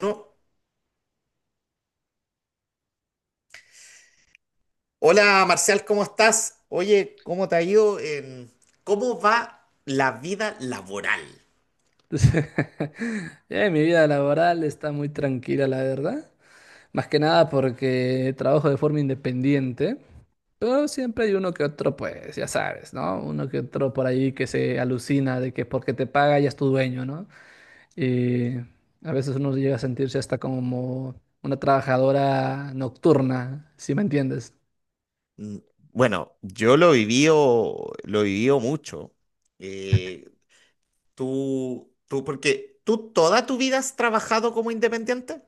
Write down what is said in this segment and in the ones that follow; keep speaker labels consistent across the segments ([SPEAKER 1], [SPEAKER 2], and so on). [SPEAKER 1] No. Hola Marcial, ¿cómo estás? Oye, ¿cómo te ha ido? ¿Cómo va la vida laboral?
[SPEAKER 2] Entonces, mi vida laboral está muy tranquila, la verdad. Más que nada porque trabajo de forma independiente, pero siempre hay uno que otro, pues ya sabes, ¿no? Uno que otro por ahí que se alucina de que porque te paga ya es tu dueño, ¿no? Y a veces uno llega a sentirse hasta como una trabajadora nocturna, si me entiendes.
[SPEAKER 1] Mm, Bueno, yo lo viví mucho. Eh, tú, porque tú toda tu vida has trabajado como independiente.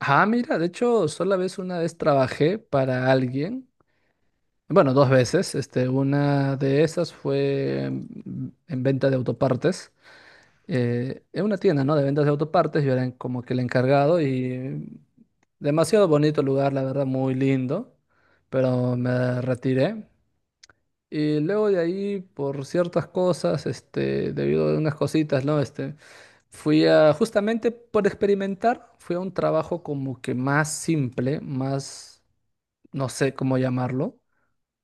[SPEAKER 2] Ah, mira, de hecho, solo vez una vez trabajé para alguien. Bueno, dos veces. Una de esas fue en venta de autopartes. En una tienda, ¿no? De ventas de autopartes. Yo era como que el encargado y demasiado bonito lugar, la verdad, muy lindo. Pero me retiré. Y luego de ahí, por ciertas cosas, debido a unas cositas, ¿no? Fui a, justamente por experimentar, fui a un trabajo como que más simple, más, no sé cómo llamarlo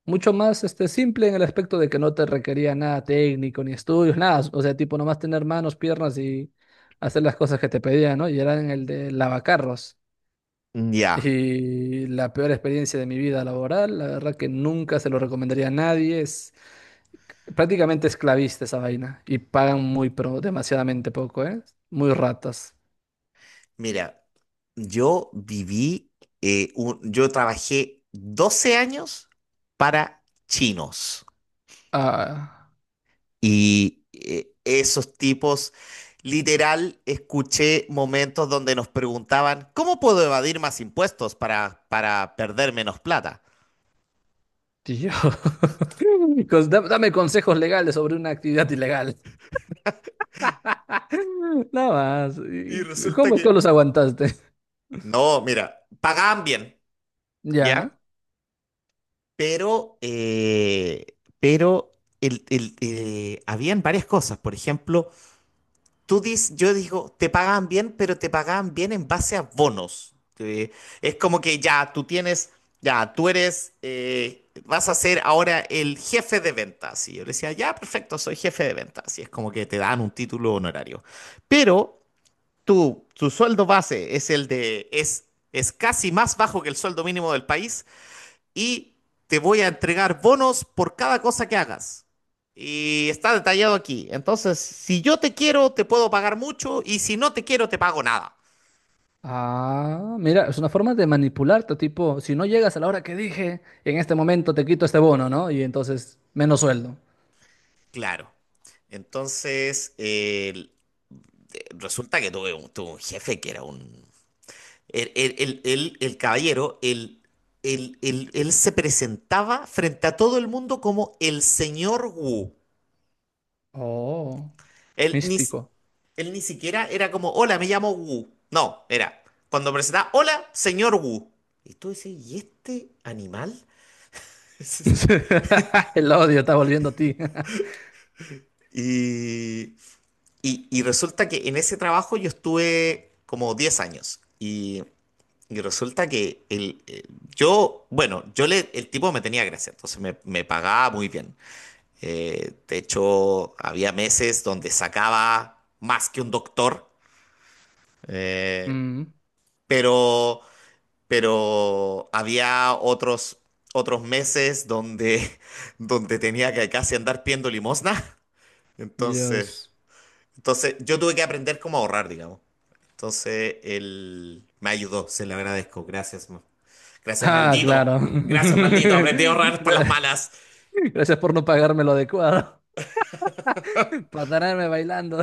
[SPEAKER 2] mucho más simple en el aspecto de que no te requería nada técnico, ni estudios, nada. O sea, tipo, nomás tener manos, piernas y hacer las cosas que te pedían, ¿no? Y era en el de lavacarros.
[SPEAKER 1] Ya,
[SPEAKER 2] Y la peor experiencia de mi vida laboral, la verdad que nunca se lo recomendaría a nadie. Es prácticamente esclavista esa vaina. Y pagan muy, pero demasiadamente poco, ¿eh? Muy ratas.
[SPEAKER 1] mira, yo viví, yo trabajé 12 años para chinos.
[SPEAKER 2] Ah,
[SPEAKER 1] Y esos tipos, literal, escuché momentos donde nos preguntaban, ¿cómo puedo evadir más impuestos para perder menos plata?
[SPEAKER 2] tío. Dame consejos legales sobre una actividad ilegal. Nada más.
[SPEAKER 1] Y resulta
[SPEAKER 2] ¿Cómo es que
[SPEAKER 1] que,
[SPEAKER 2] los aguantaste?
[SPEAKER 1] no, mira, pagaban bien, ¿ya?
[SPEAKER 2] Ya.
[SPEAKER 1] Pero, eh, pero habían varias cosas. Por ejemplo, tú dices, yo digo, te pagaban bien, pero te pagaban bien en base a bonos. Es como que ya tú tienes, ya tú eres, vas a ser ahora el jefe de ventas. Y yo le decía, ya, perfecto, soy jefe de ventas. Y es como que te dan un título honorario. Pero tu sueldo base es es casi más bajo que el sueldo mínimo del país y te voy a entregar bonos por cada cosa que hagas. Y está detallado aquí. Entonces, si yo te quiero, te puedo pagar mucho y si no te quiero, te pago nada.
[SPEAKER 2] Ah, mira, es una forma de manipularte, tipo, si no llegas a la hora que dije, en este momento te quito este bono, ¿no? Y entonces, menos sueldo.
[SPEAKER 1] Claro. Entonces, resulta que tuve un jefe que era un... El caballero, él se presentaba frente a todo el mundo como el señor Wu.
[SPEAKER 2] Oh,
[SPEAKER 1] Él ni, s-
[SPEAKER 2] místico.
[SPEAKER 1] Él ni siquiera era como, hola, me llamo Wu. No, era, cuando presentaba, hola, señor Wu. Y tú dices, ¿y este animal?
[SPEAKER 2] El odio está volviendo a ti.
[SPEAKER 1] Y, y resulta que en ese trabajo yo estuve como 10 años. Y resulta que el, yo, bueno, yo le, el tipo me tenía gracia, entonces me pagaba muy bien. De hecho, había meses donde sacaba más que un doctor. eh,
[SPEAKER 2] Mm,
[SPEAKER 1] pero pero había otros meses donde, donde tenía que casi andar pidiendo limosna. Entonces,
[SPEAKER 2] Dios.
[SPEAKER 1] entonces, yo tuve que aprender cómo ahorrar, digamos. Entonces él me ayudó, se lo agradezco. Gracias,
[SPEAKER 2] Ah,
[SPEAKER 1] maldito.
[SPEAKER 2] claro.
[SPEAKER 1] Gracias, maldito. Aprendí a ahorrar por las malas.
[SPEAKER 2] Gracias por no pagarme lo adecuado, para tenerme bailando.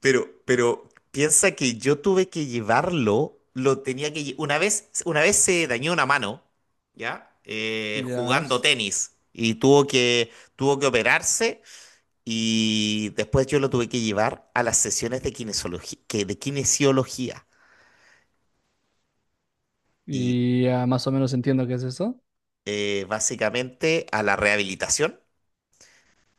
[SPEAKER 1] Pero piensa que yo tuve que llevarlo. Lo tenía que una vez se dañó una mano, ¿ya?
[SPEAKER 2] Ya.
[SPEAKER 1] Jugando tenis y tuvo que operarse. Y después yo lo tuve que llevar a las sesiones de kinesiología, y
[SPEAKER 2] Y ya más o menos entiendo qué es eso.
[SPEAKER 1] básicamente a la rehabilitación.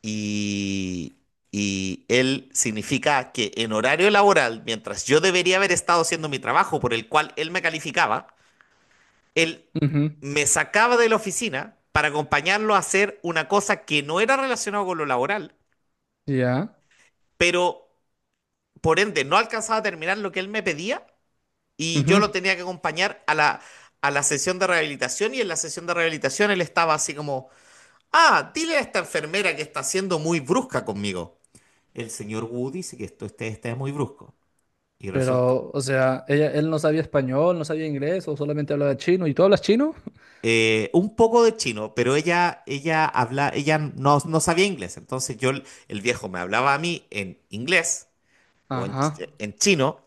[SPEAKER 1] Y, y él significa que en horario laboral, mientras yo debería haber estado haciendo mi trabajo por el cual él me calificaba, él
[SPEAKER 2] Ujú.
[SPEAKER 1] me sacaba de la oficina para acompañarlo a hacer una cosa que no era relacionada con lo laboral,
[SPEAKER 2] Ya.
[SPEAKER 1] pero por ende no alcanzaba a terminar lo que él me pedía y yo
[SPEAKER 2] ujú.
[SPEAKER 1] lo tenía que acompañar a la sesión de rehabilitación, y en la sesión de rehabilitación él estaba así como, ah, dile a esta enfermera que está siendo muy brusca conmigo. El señor Wu dice que este es muy brusco. Y resulta
[SPEAKER 2] Pero, o sea, él no sabía español, no sabía inglés, o solamente hablaba chino. ¿Y tú hablas chino?
[SPEAKER 1] un poco de chino, pero ella habla, ella no, no sabía inglés, entonces yo, el viejo me hablaba a mí en inglés o
[SPEAKER 2] Ajá.
[SPEAKER 1] en chino,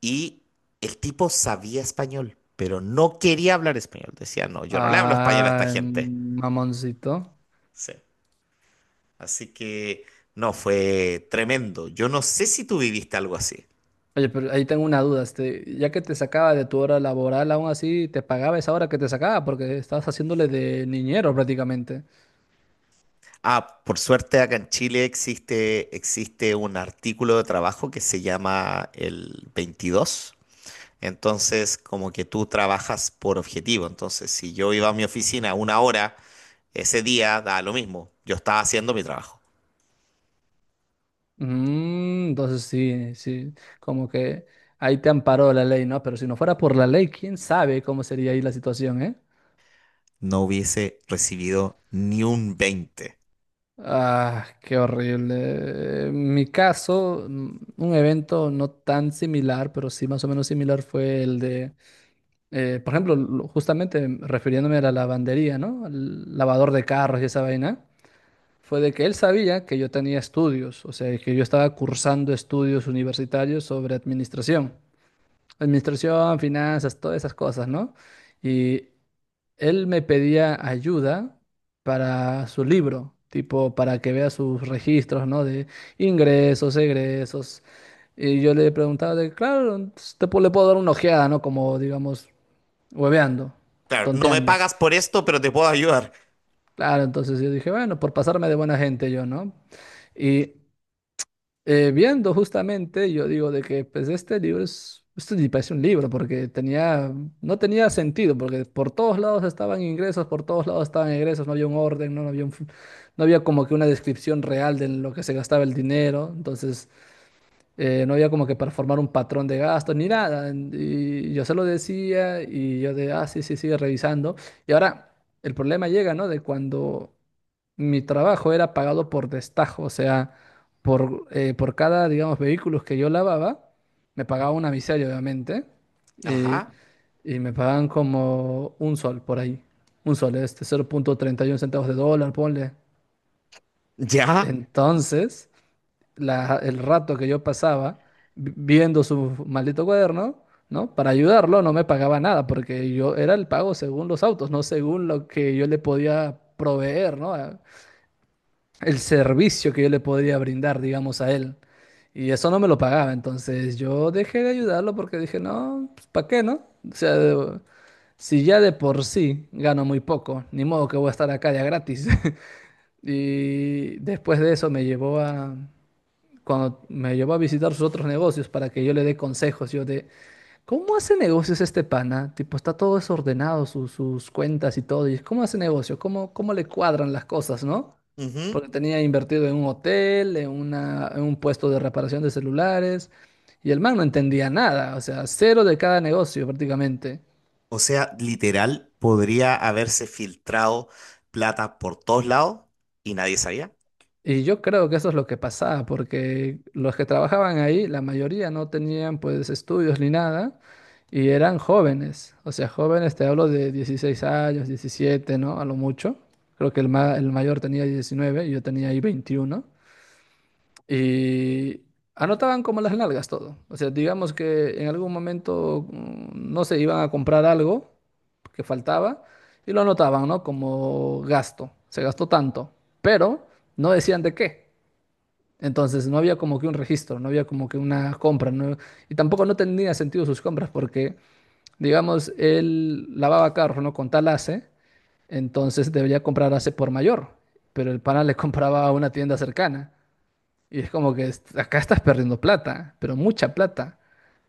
[SPEAKER 1] y el tipo sabía español, pero no quería hablar español. Decía, no, yo no le hablo español a esta
[SPEAKER 2] Ah,
[SPEAKER 1] gente.
[SPEAKER 2] mamoncito.
[SPEAKER 1] Sí. Así que no, fue tremendo. Yo no sé si tú viviste algo así.
[SPEAKER 2] Oye, pero ahí tengo una duda. Ya que te sacaba de tu hora laboral, aún así te pagaba esa hora que te sacaba, porque estabas haciéndole de niñero prácticamente.
[SPEAKER 1] Ah, por suerte acá en Chile existe, existe un artículo de trabajo que se llama el 22. Entonces, como que tú trabajas por objetivo. Entonces, si yo iba a mi oficina una hora, ese día da lo mismo. Yo estaba haciendo mi trabajo.
[SPEAKER 2] Entonces sí, sí, como que ahí te amparó la ley, ¿no? Pero si no fuera por la ley, quién sabe cómo sería ahí la situación, ¿eh?
[SPEAKER 1] No hubiese recibido ni un 20.
[SPEAKER 2] Ah, qué horrible. En mi caso, un evento no tan similar, pero sí más o menos similar fue el de, por ejemplo, justamente refiriéndome a la lavandería, ¿no? Al lavador de carros y esa vaina, fue de que él sabía que yo tenía estudios, o sea, que yo estaba cursando estudios universitarios sobre administración, administración, finanzas, todas esas cosas, ¿no? Y él me pedía ayuda para su libro, tipo para que vea sus registros, ¿no? De ingresos, egresos. Y yo le preguntaba de, claro, pues, le puedo dar una ojeada, ¿no? Como, digamos, hueveando,
[SPEAKER 1] Claro, no me
[SPEAKER 2] tonteando.
[SPEAKER 1] pagas por esto, pero te puedo ayudar.
[SPEAKER 2] Claro, entonces yo dije, bueno, por pasarme de buena gente yo, ¿no? Y viendo justamente, yo digo de que pues esto ni parece un libro porque no tenía sentido porque por todos lados estaban ingresos, por todos lados estaban egresos, no había un orden, no había como que una descripción real de lo que se gastaba el dinero, entonces no había como que para formar un patrón de gasto ni nada, y yo se lo decía y yo de, ah, sí, sí, sigue revisando, y ahora el problema llega, ¿no? De cuando mi trabajo era pagado por destajo, o sea, por cada, digamos, vehículos que yo lavaba, me pagaba una miseria, obviamente, y,
[SPEAKER 1] Ajá.
[SPEAKER 2] y me pagaban como un sol por ahí, un sol, 0.31 centavos de dólar, ponle.
[SPEAKER 1] Ya.
[SPEAKER 2] Entonces, el rato que yo pasaba viendo su maldito cuaderno, ¿no? Para ayudarlo no me pagaba nada, porque yo era el pago según los autos, no según lo que yo le podía proveer, ¿no? el servicio que yo le podría brindar, digamos, a él. Y eso no me lo pagaba, entonces yo dejé de ayudarlo porque dije, no, pues, ¿para qué, no? O sea, si ya de por sí gano muy poco, ni modo que voy a estar acá ya gratis. Y después de eso me llevó a, cuando me llevó a visitar sus otros negocios para que yo le dé consejos, yo de, ¿Cómo hace negocios este pana? Tipo, está todo desordenado, sus cuentas y todo. ¿Y cómo hace negocio? ¿Cómo le cuadran las cosas, no? Porque
[SPEAKER 1] Ujú.
[SPEAKER 2] tenía invertido en un hotel, en un puesto de reparación de celulares, y el man no entendía nada, o sea, cero de cada negocio prácticamente.
[SPEAKER 1] O sea, literal, podría haberse filtrado plata por todos lados y nadie sabía.
[SPEAKER 2] Y yo creo que eso es lo que pasaba, porque los que trabajaban ahí, la mayoría no tenían pues estudios ni nada, y eran jóvenes, o sea, jóvenes, te hablo de 16 años, 17 ¿no? A lo mucho. Creo que el mayor tenía 19 y yo tenía ahí 21. Y anotaban como las nalgas todo. O sea, digamos que en algún momento, no sé, iban a comprar algo que faltaba y lo anotaban, ¿no? Como gasto, se gastó tanto, pero no decían de qué. Entonces no había como que un registro, no había como que una compra, y tampoco no tenía sentido sus compras porque, digamos, él lavaba carro, ¿no? Con tal ACE, entonces debería comprar ACE por mayor, pero el pana le compraba a una tienda cercana. Y es como que acá estás perdiendo plata, pero mucha plata,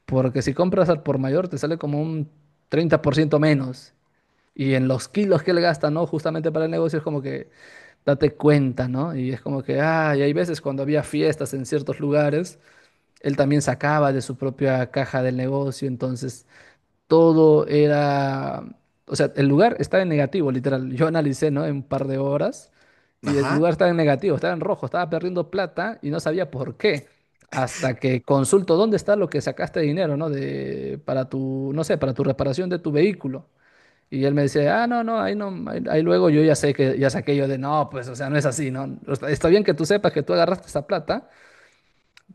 [SPEAKER 2] porque si compras al por mayor te sale como un 30% menos. Y en los kilos que él gasta, ¿no? Justamente para el negocio es como que date cuenta, ¿no? Y es como que, ah, y hay veces cuando había fiestas en ciertos lugares, él también sacaba de su propia caja del negocio, entonces todo era, o sea, el lugar estaba en negativo, literal. Yo analicé, ¿no? En un par de horas y el lugar
[SPEAKER 1] Ajá.
[SPEAKER 2] estaba en negativo, estaba en rojo, estaba perdiendo plata y no sabía por qué. Hasta que consulto dónde está lo que sacaste de dinero, ¿no? De, para tu, no sé, para tu reparación de tu vehículo. Y él me dice, ah, no, no, ahí no, ahí luego yo ya sé que, ya saqué yo de, no, pues, o sea, no es así, ¿no? O sea, está bien que tú sepas que tú agarraste esa plata,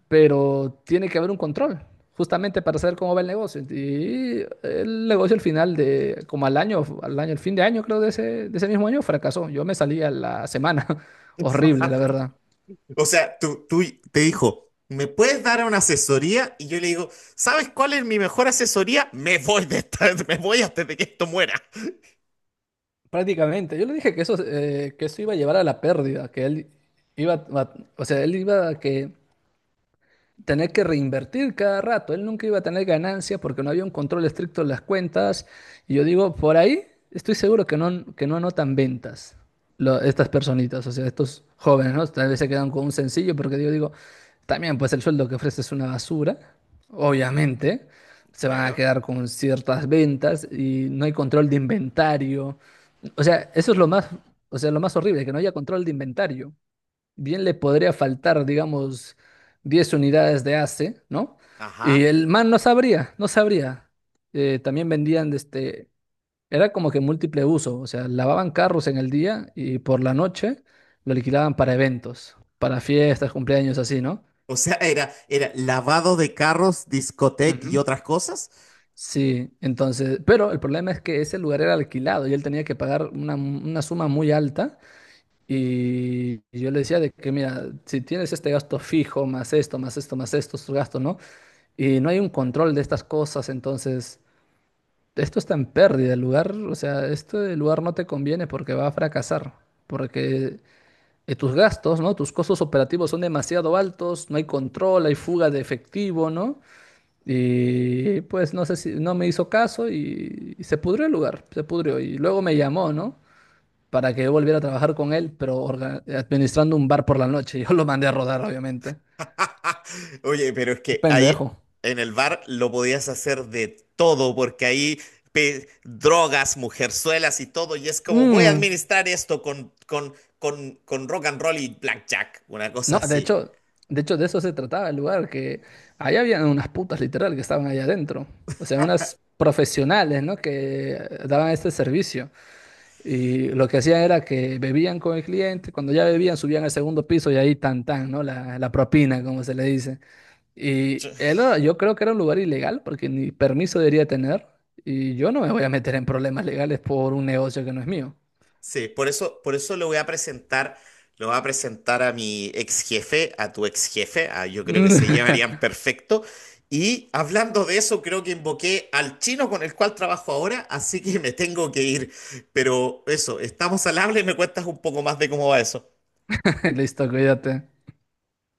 [SPEAKER 2] pero tiene que haber un control, justamente para saber cómo va el negocio. Y el negocio al final de, como al año, el fin de año, creo, de ese mismo año, fracasó. Yo me salí a la semana. Horrible, la verdad.
[SPEAKER 1] O sea, tú te dijo, ¿me puedes dar una asesoría? Y yo le digo, ¿sabes cuál es mi mejor asesoría? Me voy de me voy antes de que esto muera.
[SPEAKER 2] Prácticamente. Yo le dije que eso iba a llevar a la pérdida, que él iba, o sea, él iba a que tener que reinvertir cada rato. Él nunca iba a tener ganancias porque no había un control estricto de las cuentas. Y yo digo, por ahí estoy seguro que que no anotan ventas estas personitas, o sea, estos jóvenes, ¿no? Tal vez se quedan con un sencillo porque yo digo, también pues el sueldo que ofrece es una basura, obviamente. Se van a
[SPEAKER 1] Claro.
[SPEAKER 2] quedar con ciertas ventas y no hay control de inventario. O sea, eso es lo más, o sea, lo más horrible, que no haya control de inventario bien le podría faltar, digamos, 10 unidades de ACE, ¿no? Y
[SPEAKER 1] Ajá.
[SPEAKER 2] el man no sabría, no sabría. También vendían, era como que múltiple uso, o sea, lavaban carros en el día y por la noche lo alquilaban para eventos, para fiestas, cumpleaños, así, ¿no?
[SPEAKER 1] O sea, era lavado de carros, discoteca y
[SPEAKER 2] Ujú.
[SPEAKER 1] otras cosas.
[SPEAKER 2] Sí, entonces, pero el problema es que ese lugar era alquilado y él tenía que pagar una suma muy alta y yo le decía de que, mira, si tienes este gasto fijo, más esto, más esto, más estos gastos, ¿no? Y no hay un control de estas cosas, entonces esto está en pérdida. El lugar, o sea, este lugar no te conviene porque va a fracasar, porque tus gastos, ¿no? Tus costos operativos son demasiado altos, no hay control, hay fuga de efectivo, ¿no? Y pues no sé si no me hizo caso y se pudrió el lugar, se pudrió. Y luego me llamó, ¿no? Para que yo volviera a trabajar con él, pero administrando un bar por la noche. Yo lo mandé a rodar, obviamente.
[SPEAKER 1] Oye, pero es que ahí
[SPEAKER 2] Pendejo.
[SPEAKER 1] en el bar lo podías hacer de todo, porque ahí drogas, mujerzuelas y todo, y es como voy a
[SPEAKER 2] Mm.
[SPEAKER 1] administrar esto con rock and roll y blackjack, una cosa
[SPEAKER 2] No, de
[SPEAKER 1] así.
[SPEAKER 2] hecho, de hecho de eso se trataba el lugar, que allá habían unas putas literal que estaban allá adentro. O sea, unas profesionales, ¿no? Que daban este servicio. Y lo que hacían era que bebían con el cliente, cuando ya bebían subían al segundo piso y ahí tan tan, ¿no? La propina, como se le dice. Y yo creo que era un lugar ilegal porque ni permiso debería tener. Y yo no me voy a meter en problemas legales por un negocio que no es mío.
[SPEAKER 1] Sí, por eso lo voy a presentar, lo voy a presentar a mi ex jefe, a tu ex jefe, yo creo que se llevarían perfecto. Y hablando de eso, creo que invoqué al chino con el cual trabajo ahora, así que me tengo que ir. Pero eso, estamos al habla y me cuentas un poco más de cómo va eso.
[SPEAKER 2] Listo, cuídate.